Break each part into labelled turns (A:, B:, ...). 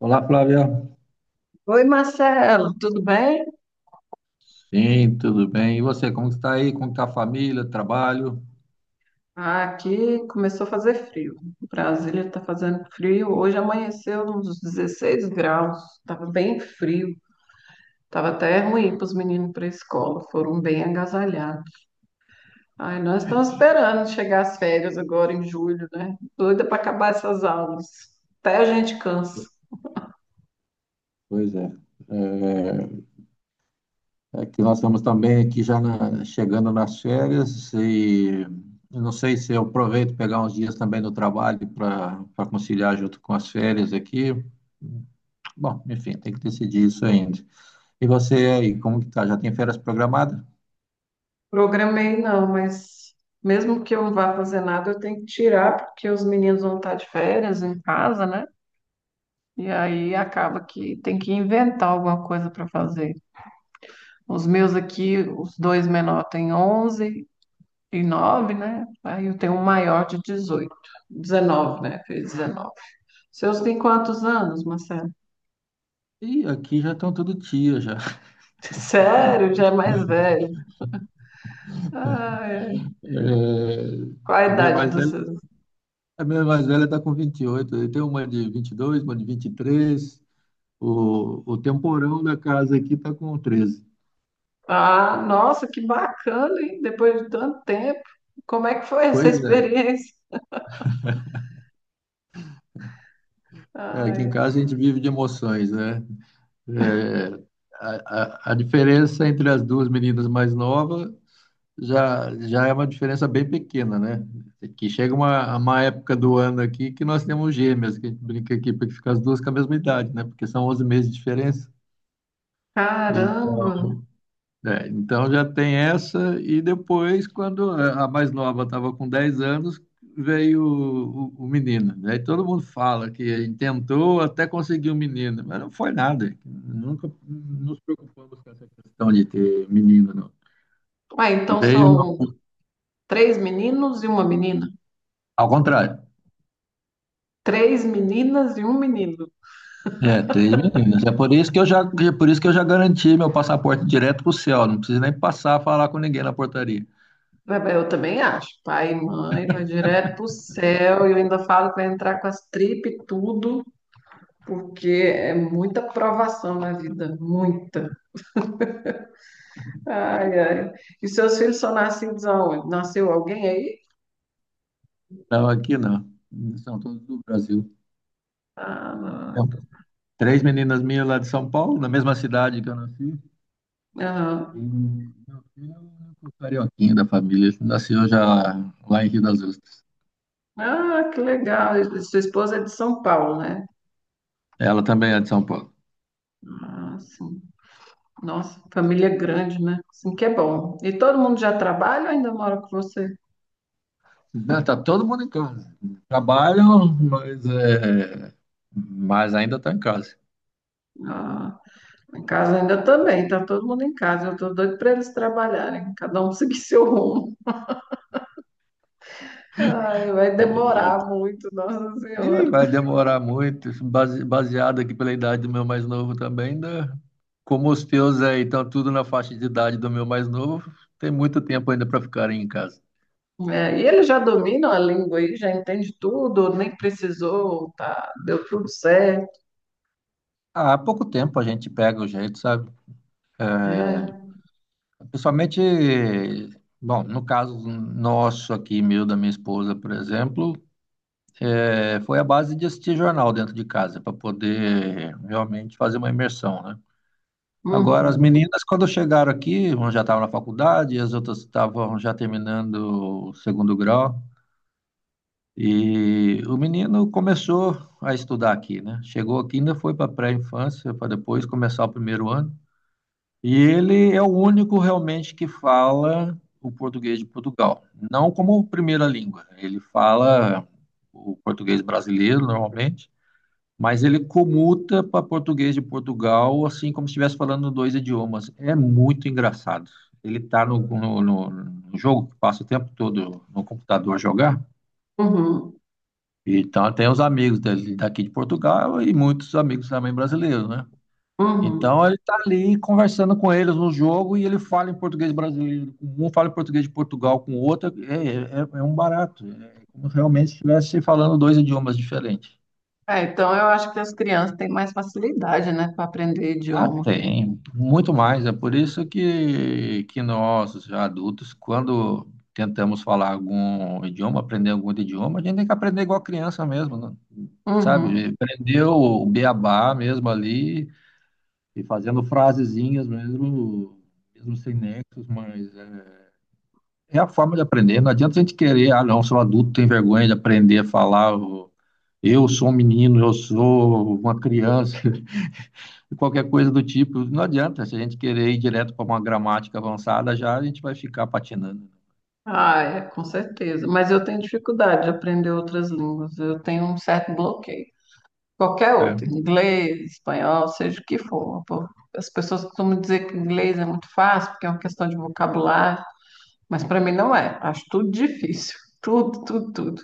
A: Olá, Flávia.
B: Oi, Marcelo, tudo bem?
A: Sim, tudo bem. E você, como que está aí? Como está a família, trabalho?
B: Ah, aqui começou a fazer frio. Brasília está fazendo frio. Hoje amanheceu uns 16 graus. Estava bem frio. Estava até ruim para os meninos para a escola. Foram bem agasalhados. Ai, nós estamos esperando chegar as férias agora em julho, né? Doida para acabar essas aulas. Até a gente cansa.
A: Pois é. É, é que nós estamos também aqui já chegando nas férias e eu não sei se eu aproveito pegar uns dias também no trabalho para conciliar junto com as férias aqui. Bom, enfim, tem que decidir isso ainda. E você aí, como que tá? Já tem férias programadas?
B: Programei não, mas mesmo que eu não vá fazer nada, eu tenho que tirar porque os meninos vão estar de férias em casa, né? E aí acaba que tem que inventar alguma coisa para fazer. Os meus aqui, os dois menores têm 11 e 9, né? Aí eu tenho um maior de 18, 19, né? Fez 19. Seus têm quantos anos, Marcelo?
A: Ih, aqui já estão todo dia já.
B: Sério, já é mais velho. Ah, é.
A: É,
B: Qual a
A: a minha
B: idade
A: mais
B: dos seus?
A: A minha mais velha está com 28. Eu tenho uma de 22, uma de 23. O temporão da casa aqui está com 13.
B: Ah, nossa, que bacana, hein? Depois de tanto tempo. Como é que foi essa
A: Pois é.
B: experiência?
A: É, aqui em
B: Ai,
A: casa a gente vive de emoções, né? É, a diferença entre as duas meninas mais novas já é uma diferença bem pequena, né? É que chega uma época do ano aqui que nós temos gêmeas, que a gente brinca aqui para que ficar as duas com a mesma idade, né? Porque são 11 meses de diferença. Então.
B: caramba.
A: É, então já tem essa, e depois, quando a mais nova estava com 10 anos, veio o menino. Aí todo mundo fala que tentou até conseguir um menino, mas não foi nada. Nunca nos preocupamos com essa questão de ter menino, não.
B: Ah, então
A: Veio
B: são três meninos e uma menina?
A: ao contrário.
B: Três meninas e um menino.
A: É, três meninas. É por isso que eu já, É por isso que eu já garanti meu passaporte direto para o céu. Não preciso nem passar a falar com ninguém na portaria.
B: Eu também acho. Pai e mãe, vai direto pro céu. E eu ainda falo que vai entrar com as tripas e tudo, porque é muita provação na vida, muita. Ai, ai. E seus filhos são nascidos aonde? Nasceu alguém aí?
A: Não, aqui não. São todos do Brasil.
B: Ah, não.
A: É, três meninas minhas lá de São Paulo, na mesma cidade que eu nasci. E
B: Aham.
A: meu filho é o único carioquinho da família. Ele nasceu já lá em Rio das Ostras.
B: Ah, que legal. E sua esposa é de São Paulo, né?
A: Ela também é de São Paulo.
B: Ah, sim. Nossa, família grande, né? Assim que é bom. E todo mundo já trabalha ou ainda mora com você?
A: Não, tá todo mundo em casa. Trabalham, mas ainda tá em casa.
B: Ah, em casa ainda também, tá todo mundo em casa. Eu tô doido para eles trabalharem, cada um seguir seu rumo. Ai, vai demorar muito, Nossa
A: E
B: Senhora.
A: vai demorar muito, baseado aqui pela idade do meu mais novo também. Ainda, como os teus aí estão tudo na faixa de idade do meu mais novo, tem muito tempo ainda para ficarem em casa.
B: É, e eles já dominam a língua aí, já entende tudo, nem precisou, tá, deu tudo certo.
A: Ah, há pouco tempo a gente pega o jeito, sabe?
B: É.
A: Principalmente, bom, no caso nosso aqui, meu, da minha esposa, por exemplo, foi a base de assistir jornal dentro de casa, para poder realmente fazer uma imersão, né? Agora, as
B: Uhum,
A: meninas, quando chegaram aqui, uma já estava na faculdade, as outras estavam já terminando o segundo grau, e o menino começou a estudar aqui, né? Chegou aqui, ainda foi para pré-infância, para depois começar o primeiro ano. E ele é o único realmente que fala o português de Portugal, não como primeira língua. Ele fala o português brasileiro normalmente, mas ele comuta para português de Portugal, assim como se estivesse falando dois idiomas. É muito engraçado. Ele está no jogo que passa o tempo todo no computador a jogar.
B: uhum,
A: Então tem os amigos dele daqui de Portugal e muitos amigos também brasileiros, né?
B: uhum.
A: Então ele tá ali conversando com eles no jogo e ele fala em português brasileiro com um, fala em português de Portugal com o outro. É um barato. É como realmente se estivesse falando dois idiomas diferentes.
B: É, então eu acho que as crianças têm mais facilidade, né, para aprender
A: Ah,
B: idioma.
A: tem, muito mais. É por isso que nós, os adultos, quando tentamos falar algum idioma, aprender algum outro idioma, a gente tem que aprender igual criança mesmo, né?
B: Uhum.
A: Sabe? Aprender o beabá mesmo ali, e fazendo frasezinhas mesmo, mesmo sem nexos, É a forma de aprender. Não adianta a gente querer, ah, não, sou adulto, tenho vergonha de aprender a falar. Eu sou um menino, eu sou uma criança, qualquer coisa do tipo. Não adianta, se a gente querer ir direto para uma gramática avançada, já a gente vai ficar patinando.
B: Ah, é, com certeza. Mas eu tenho dificuldade de aprender outras línguas. Eu tenho um certo bloqueio. Qualquer
A: Né?
B: outro,
A: É.
B: inglês, espanhol, seja o que for. Pô, as pessoas costumam dizer que inglês é muito fácil, porque é uma questão de vocabulário, mas para mim não é. Acho tudo difícil. Tudo, tudo, tudo.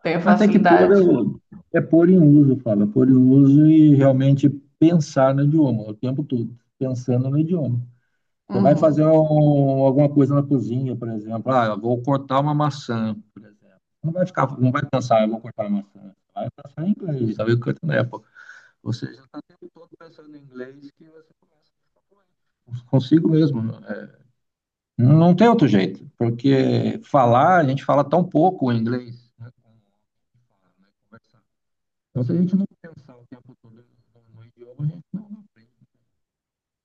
B: Tenho
A: Mas tem que pôr,
B: facilidade.
A: é pôr em uso, fala, pôr em uso e realmente pensar no idioma o tempo todo, pensando no idioma. Você vai fazer
B: Uhum.
A: alguma coisa na cozinha, por exemplo. Ah, eu vou cortar uma maçã, por exemplo. Não vai ficar, não vai pensar, eu vou cortar uma maçã. Vai pensar em inglês, sabe? Cortando Apple. Você já está o tempo todo pensando em inglês que você começa a ficar consigo mesmo. É. Não tem outro jeito, porque falar, a gente fala tão pouco o inglês, né? Então, se a gente não pensar o tempo todo no idioma, a gente não aprende.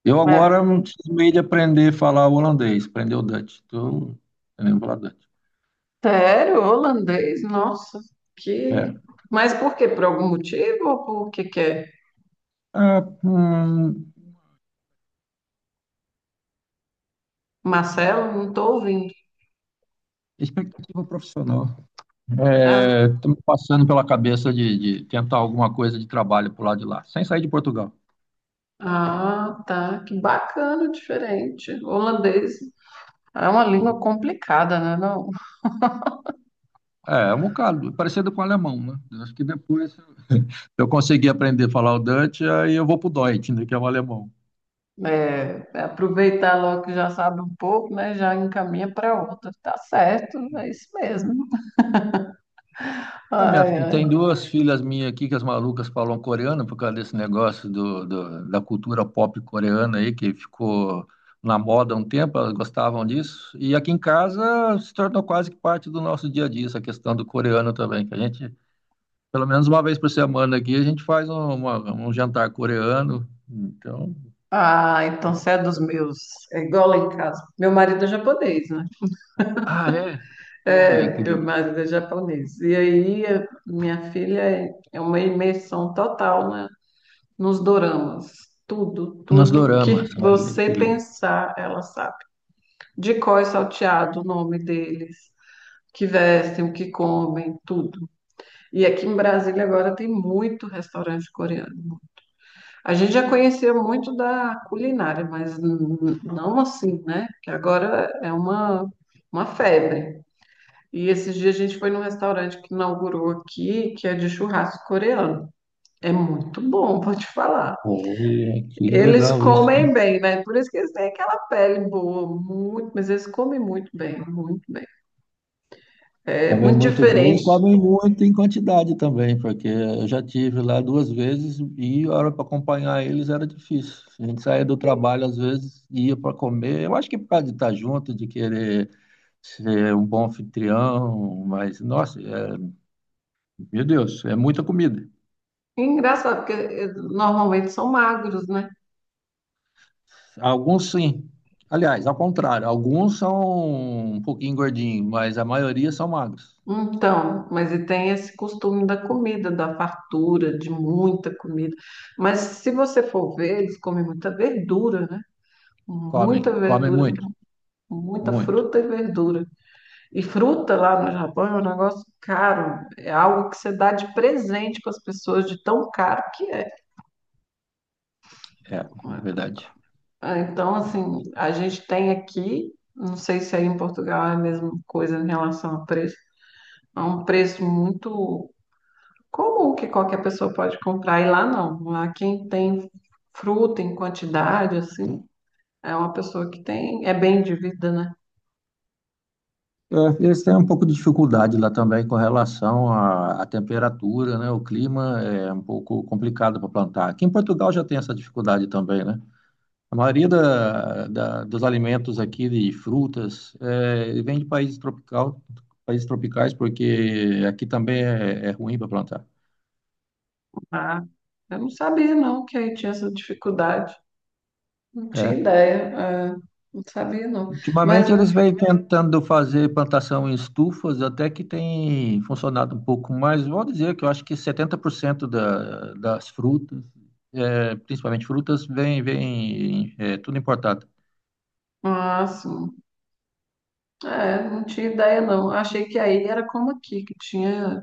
A: Eu agora
B: É
A: não preciso meio de aprender a falar holandês, aprender o Dutch. Então, eu lembro falar Dutch.
B: sério, holandês, nossa,
A: É.
B: que. Mas por quê? Por algum motivo ou por que que é?
A: Ah,
B: Marcelo, não estou ouvindo.
A: expectativa profissional.
B: Ah,
A: Estou me passando pela cabeça de tentar alguma coisa de trabalho por lá de lá, sem sair de Portugal.
B: ah, tá. Que bacana, diferente. Holandês é uma
A: Né?
B: língua complicada, né? Não?
A: É um bocado, parecido com o alemão, né? Eu acho que depois eu conseguir aprender a falar o Dutch, aí eu vou pro Deutsch, né, que é o alemão.
B: É, aproveitar logo que já sabe um pouco, né? Já encaminha para outra. Tá certo, é isso mesmo.
A: Ah,
B: Ai,
A: e tem
B: ai.
A: duas filhas minhas aqui que as malucas falam coreano por causa desse negócio da cultura pop coreana aí, que ficou na moda há um tempo, elas gostavam disso. E aqui em casa se tornou quase que parte do nosso dia a dia, essa questão do coreano também, que a gente, pelo menos uma vez por semana aqui, a gente faz um jantar coreano. Então.
B: Ah, então você é dos meus. É igual lá em casa. Meu marido é japonês, né?
A: Ah, é? Olha
B: É,
A: que
B: meu
A: legal.
B: marido é japonês. E aí, minha filha é uma imersão total, né? Nos doramas. Tudo,
A: Nos
B: tudo
A: doramas,
B: que
A: olha que
B: você
A: legal.
B: pensar, ela sabe. De cor e salteado, o nome deles, que vestem, o que comem, tudo. E aqui em Brasília agora tem muito restaurante coreano. A gente já conhecia muito da culinária, mas não assim, né? Que agora é uma febre. E esses dias a gente foi num restaurante que inaugurou aqui, que é de churrasco coreano. É muito bom, vou te falar.
A: Olha que
B: Eles
A: legal isso.
B: comem bem, né? Por isso que eles têm aquela pele boa, muito, mas eles comem muito bem, muito, é
A: Comem
B: muito
A: muito bem e
B: diferente.
A: comem muito em quantidade também, porque eu já tive lá duas vezes e a hora para acompanhar eles era difícil. A gente saía do trabalho às vezes e ia para comer. Eu acho que por causa de estar junto, de querer ser um bom anfitrião, mas nossa, meu Deus, é muita comida.
B: E engraçado, porque normalmente são magros, né?
A: Alguns sim. Aliás, ao contrário, alguns são um pouquinho gordinhos, mas a maioria são magros.
B: Então, mas e tem esse costume da comida, da fartura, de muita comida. Mas se você for ver, eles comem muita verdura, né? Muita
A: Comem
B: verdura,
A: muito,
B: muita
A: muito.
B: fruta e verdura. E fruta lá no Japão é um negócio caro, é algo que você dá de presente para as pessoas, de tão caro que é.
A: É, verdade.
B: Ah, então, assim, a gente tem aqui, não sei se aí em Portugal é a mesma coisa em relação a preço, é um preço muito comum que qualquer pessoa pode comprar, e lá não. Lá quem tem fruta em quantidade, assim, é uma pessoa que tem, é bem de vida, né?
A: É, eles têm um pouco de dificuldade lá também com relação à temperatura, né? O clima é um pouco complicado para plantar. Aqui em Portugal já tem essa dificuldade também, né? A maioria dos alimentos aqui de frutas é, vem de países tropicais, porque aqui também é ruim para plantar.
B: Ah, eu não sabia, não, que aí tinha essa dificuldade. Não tinha
A: É,
B: ideia, é, não sabia, não. Mas,
A: ultimamente eles vêm tentando fazer plantação em estufas, até que tem funcionado um pouco mais. Vou dizer que eu acho que 70% das frutas, principalmente frutas, vem tudo importado.
B: ah, sim, é, não tinha ideia, não. Achei que aí era como aqui, que tinha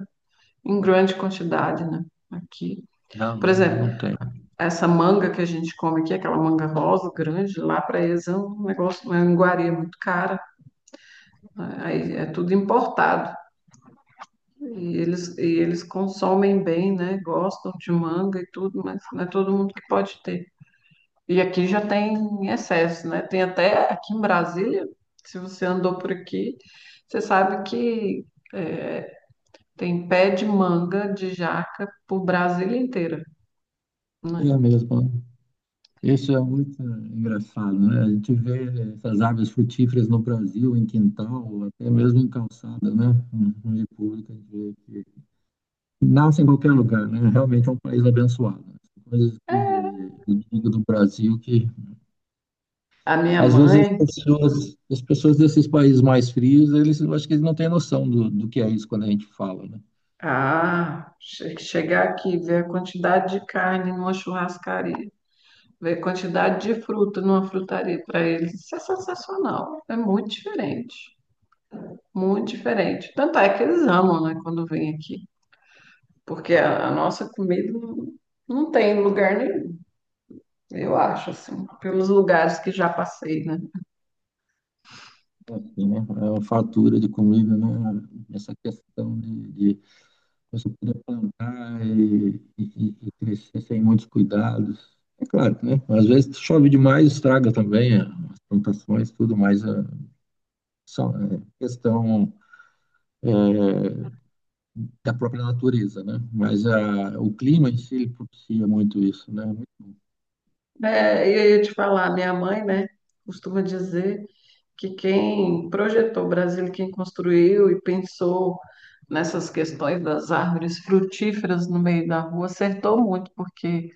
B: em grande quantidade, né? Aqui.
A: Não,
B: Por exemplo,
A: não tem.
B: essa manga que a gente come aqui, aquela manga rosa grande, lá para eles é um negócio, uma iguaria muito cara. Aí é tudo importado. E eles consomem bem, né? Gostam de manga e tudo, mas não é todo mundo que pode ter. E aqui já tem em excesso, né? Tem até aqui em Brasília, se você andou por aqui, você sabe que é, tem pé de manga de jaca por Brasília inteira, né?
A: É mesmo. Isso é muito engraçado, né? A gente vê essas árvores frutíferas no Brasil, em quintal, até mesmo em calçada, né? No meio público, a gente vê. Nasce em qualquer lugar, né? Realmente é um país abençoado. Coisas que eu digo do Brasil que
B: A minha
A: às vezes as
B: mãe,
A: pessoas, as pessoas desses países mais frios, eles eu acho que eles não têm noção do que é isso quando a gente fala, né?
B: ah, chegar aqui e ver a quantidade de carne numa churrascaria, ver quantidade de fruta numa frutaria para eles, isso é sensacional. É muito diferente, muito diferente. Tanto é que eles amam, né, quando vêm aqui, porque a nossa comida não, não tem lugar nenhum, eu acho, assim, pelos lugares que já passei, né?
A: É assim, né? É uma fartura de comida, né? Essa questão de você poder plantar e crescer sem muitos cuidados. É claro, né? Às vezes chove demais, estraga também as plantações, tudo mais. Só, é questão é, da própria natureza, né? Mas o clima em si ele propicia muito isso, né?
B: É, e aí eu te falar, minha mãe, né, costuma dizer que quem projetou o Brasil, quem construiu e pensou nessas questões das árvores frutíferas no meio da rua, acertou muito, porque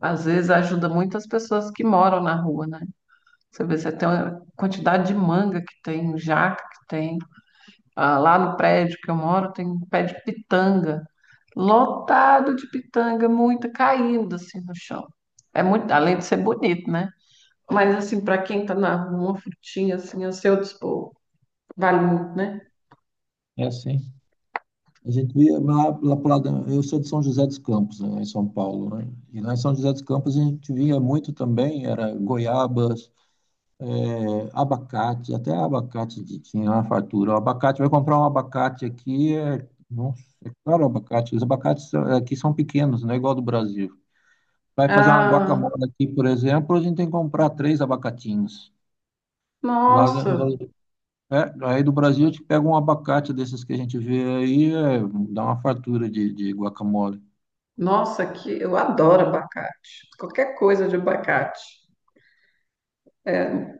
B: às vezes ajuda muito as pessoas que moram na rua, né? Você vê, você tem a quantidade de manga que tem, jaca que tem. Ah, lá no prédio que eu moro tem um pé de pitanga, lotado de pitanga, muita caindo assim no chão. É muito, além de ser bonito, né? Mas assim, para quem tá na rua, uma frutinha assim, a seu dispor, vale muito, né?
A: É assim. A gente via lá, lá pro lado, eu sou de São José dos Campos, né, em São Paulo, né? E lá em São José dos Campos a gente via muito também, era goiabas, abacate, até abacate tinha uma fartura. O abacate, vai comprar um abacate aqui, nossa, é caro o abacate. Os abacates aqui são pequenos, não é igual ao do Brasil. Vai fazer uma guacamole
B: Ah,
A: aqui, por exemplo, a gente tem que comprar três abacatinhos. Lá,
B: nossa,
A: Aí do Brasil a gente pega um abacate desses que a gente vê aí, dá uma fartura de guacamole.
B: nossa, que eu adoro abacate. Qualquer coisa de abacate.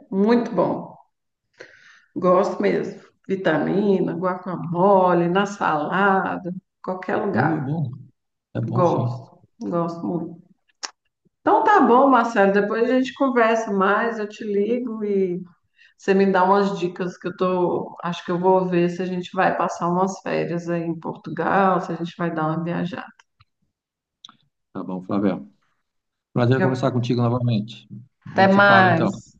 B: Muito bom. Gosto mesmo. Vitamina, guacamole, na salada, qualquer lugar.
A: É bom, é bom sim.
B: Gosto, gosto muito. Então tá bom, Marcelo. Depois a gente conversa mais, eu te ligo e você me dá umas dicas que eu tô, acho que eu vou ver se a gente vai passar umas férias aí em Portugal, se a gente vai dar uma viajada.
A: Tá bom, Flávio. Prazer em conversar contigo novamente. A
B: Até
A: gente se fala então.
B: mais.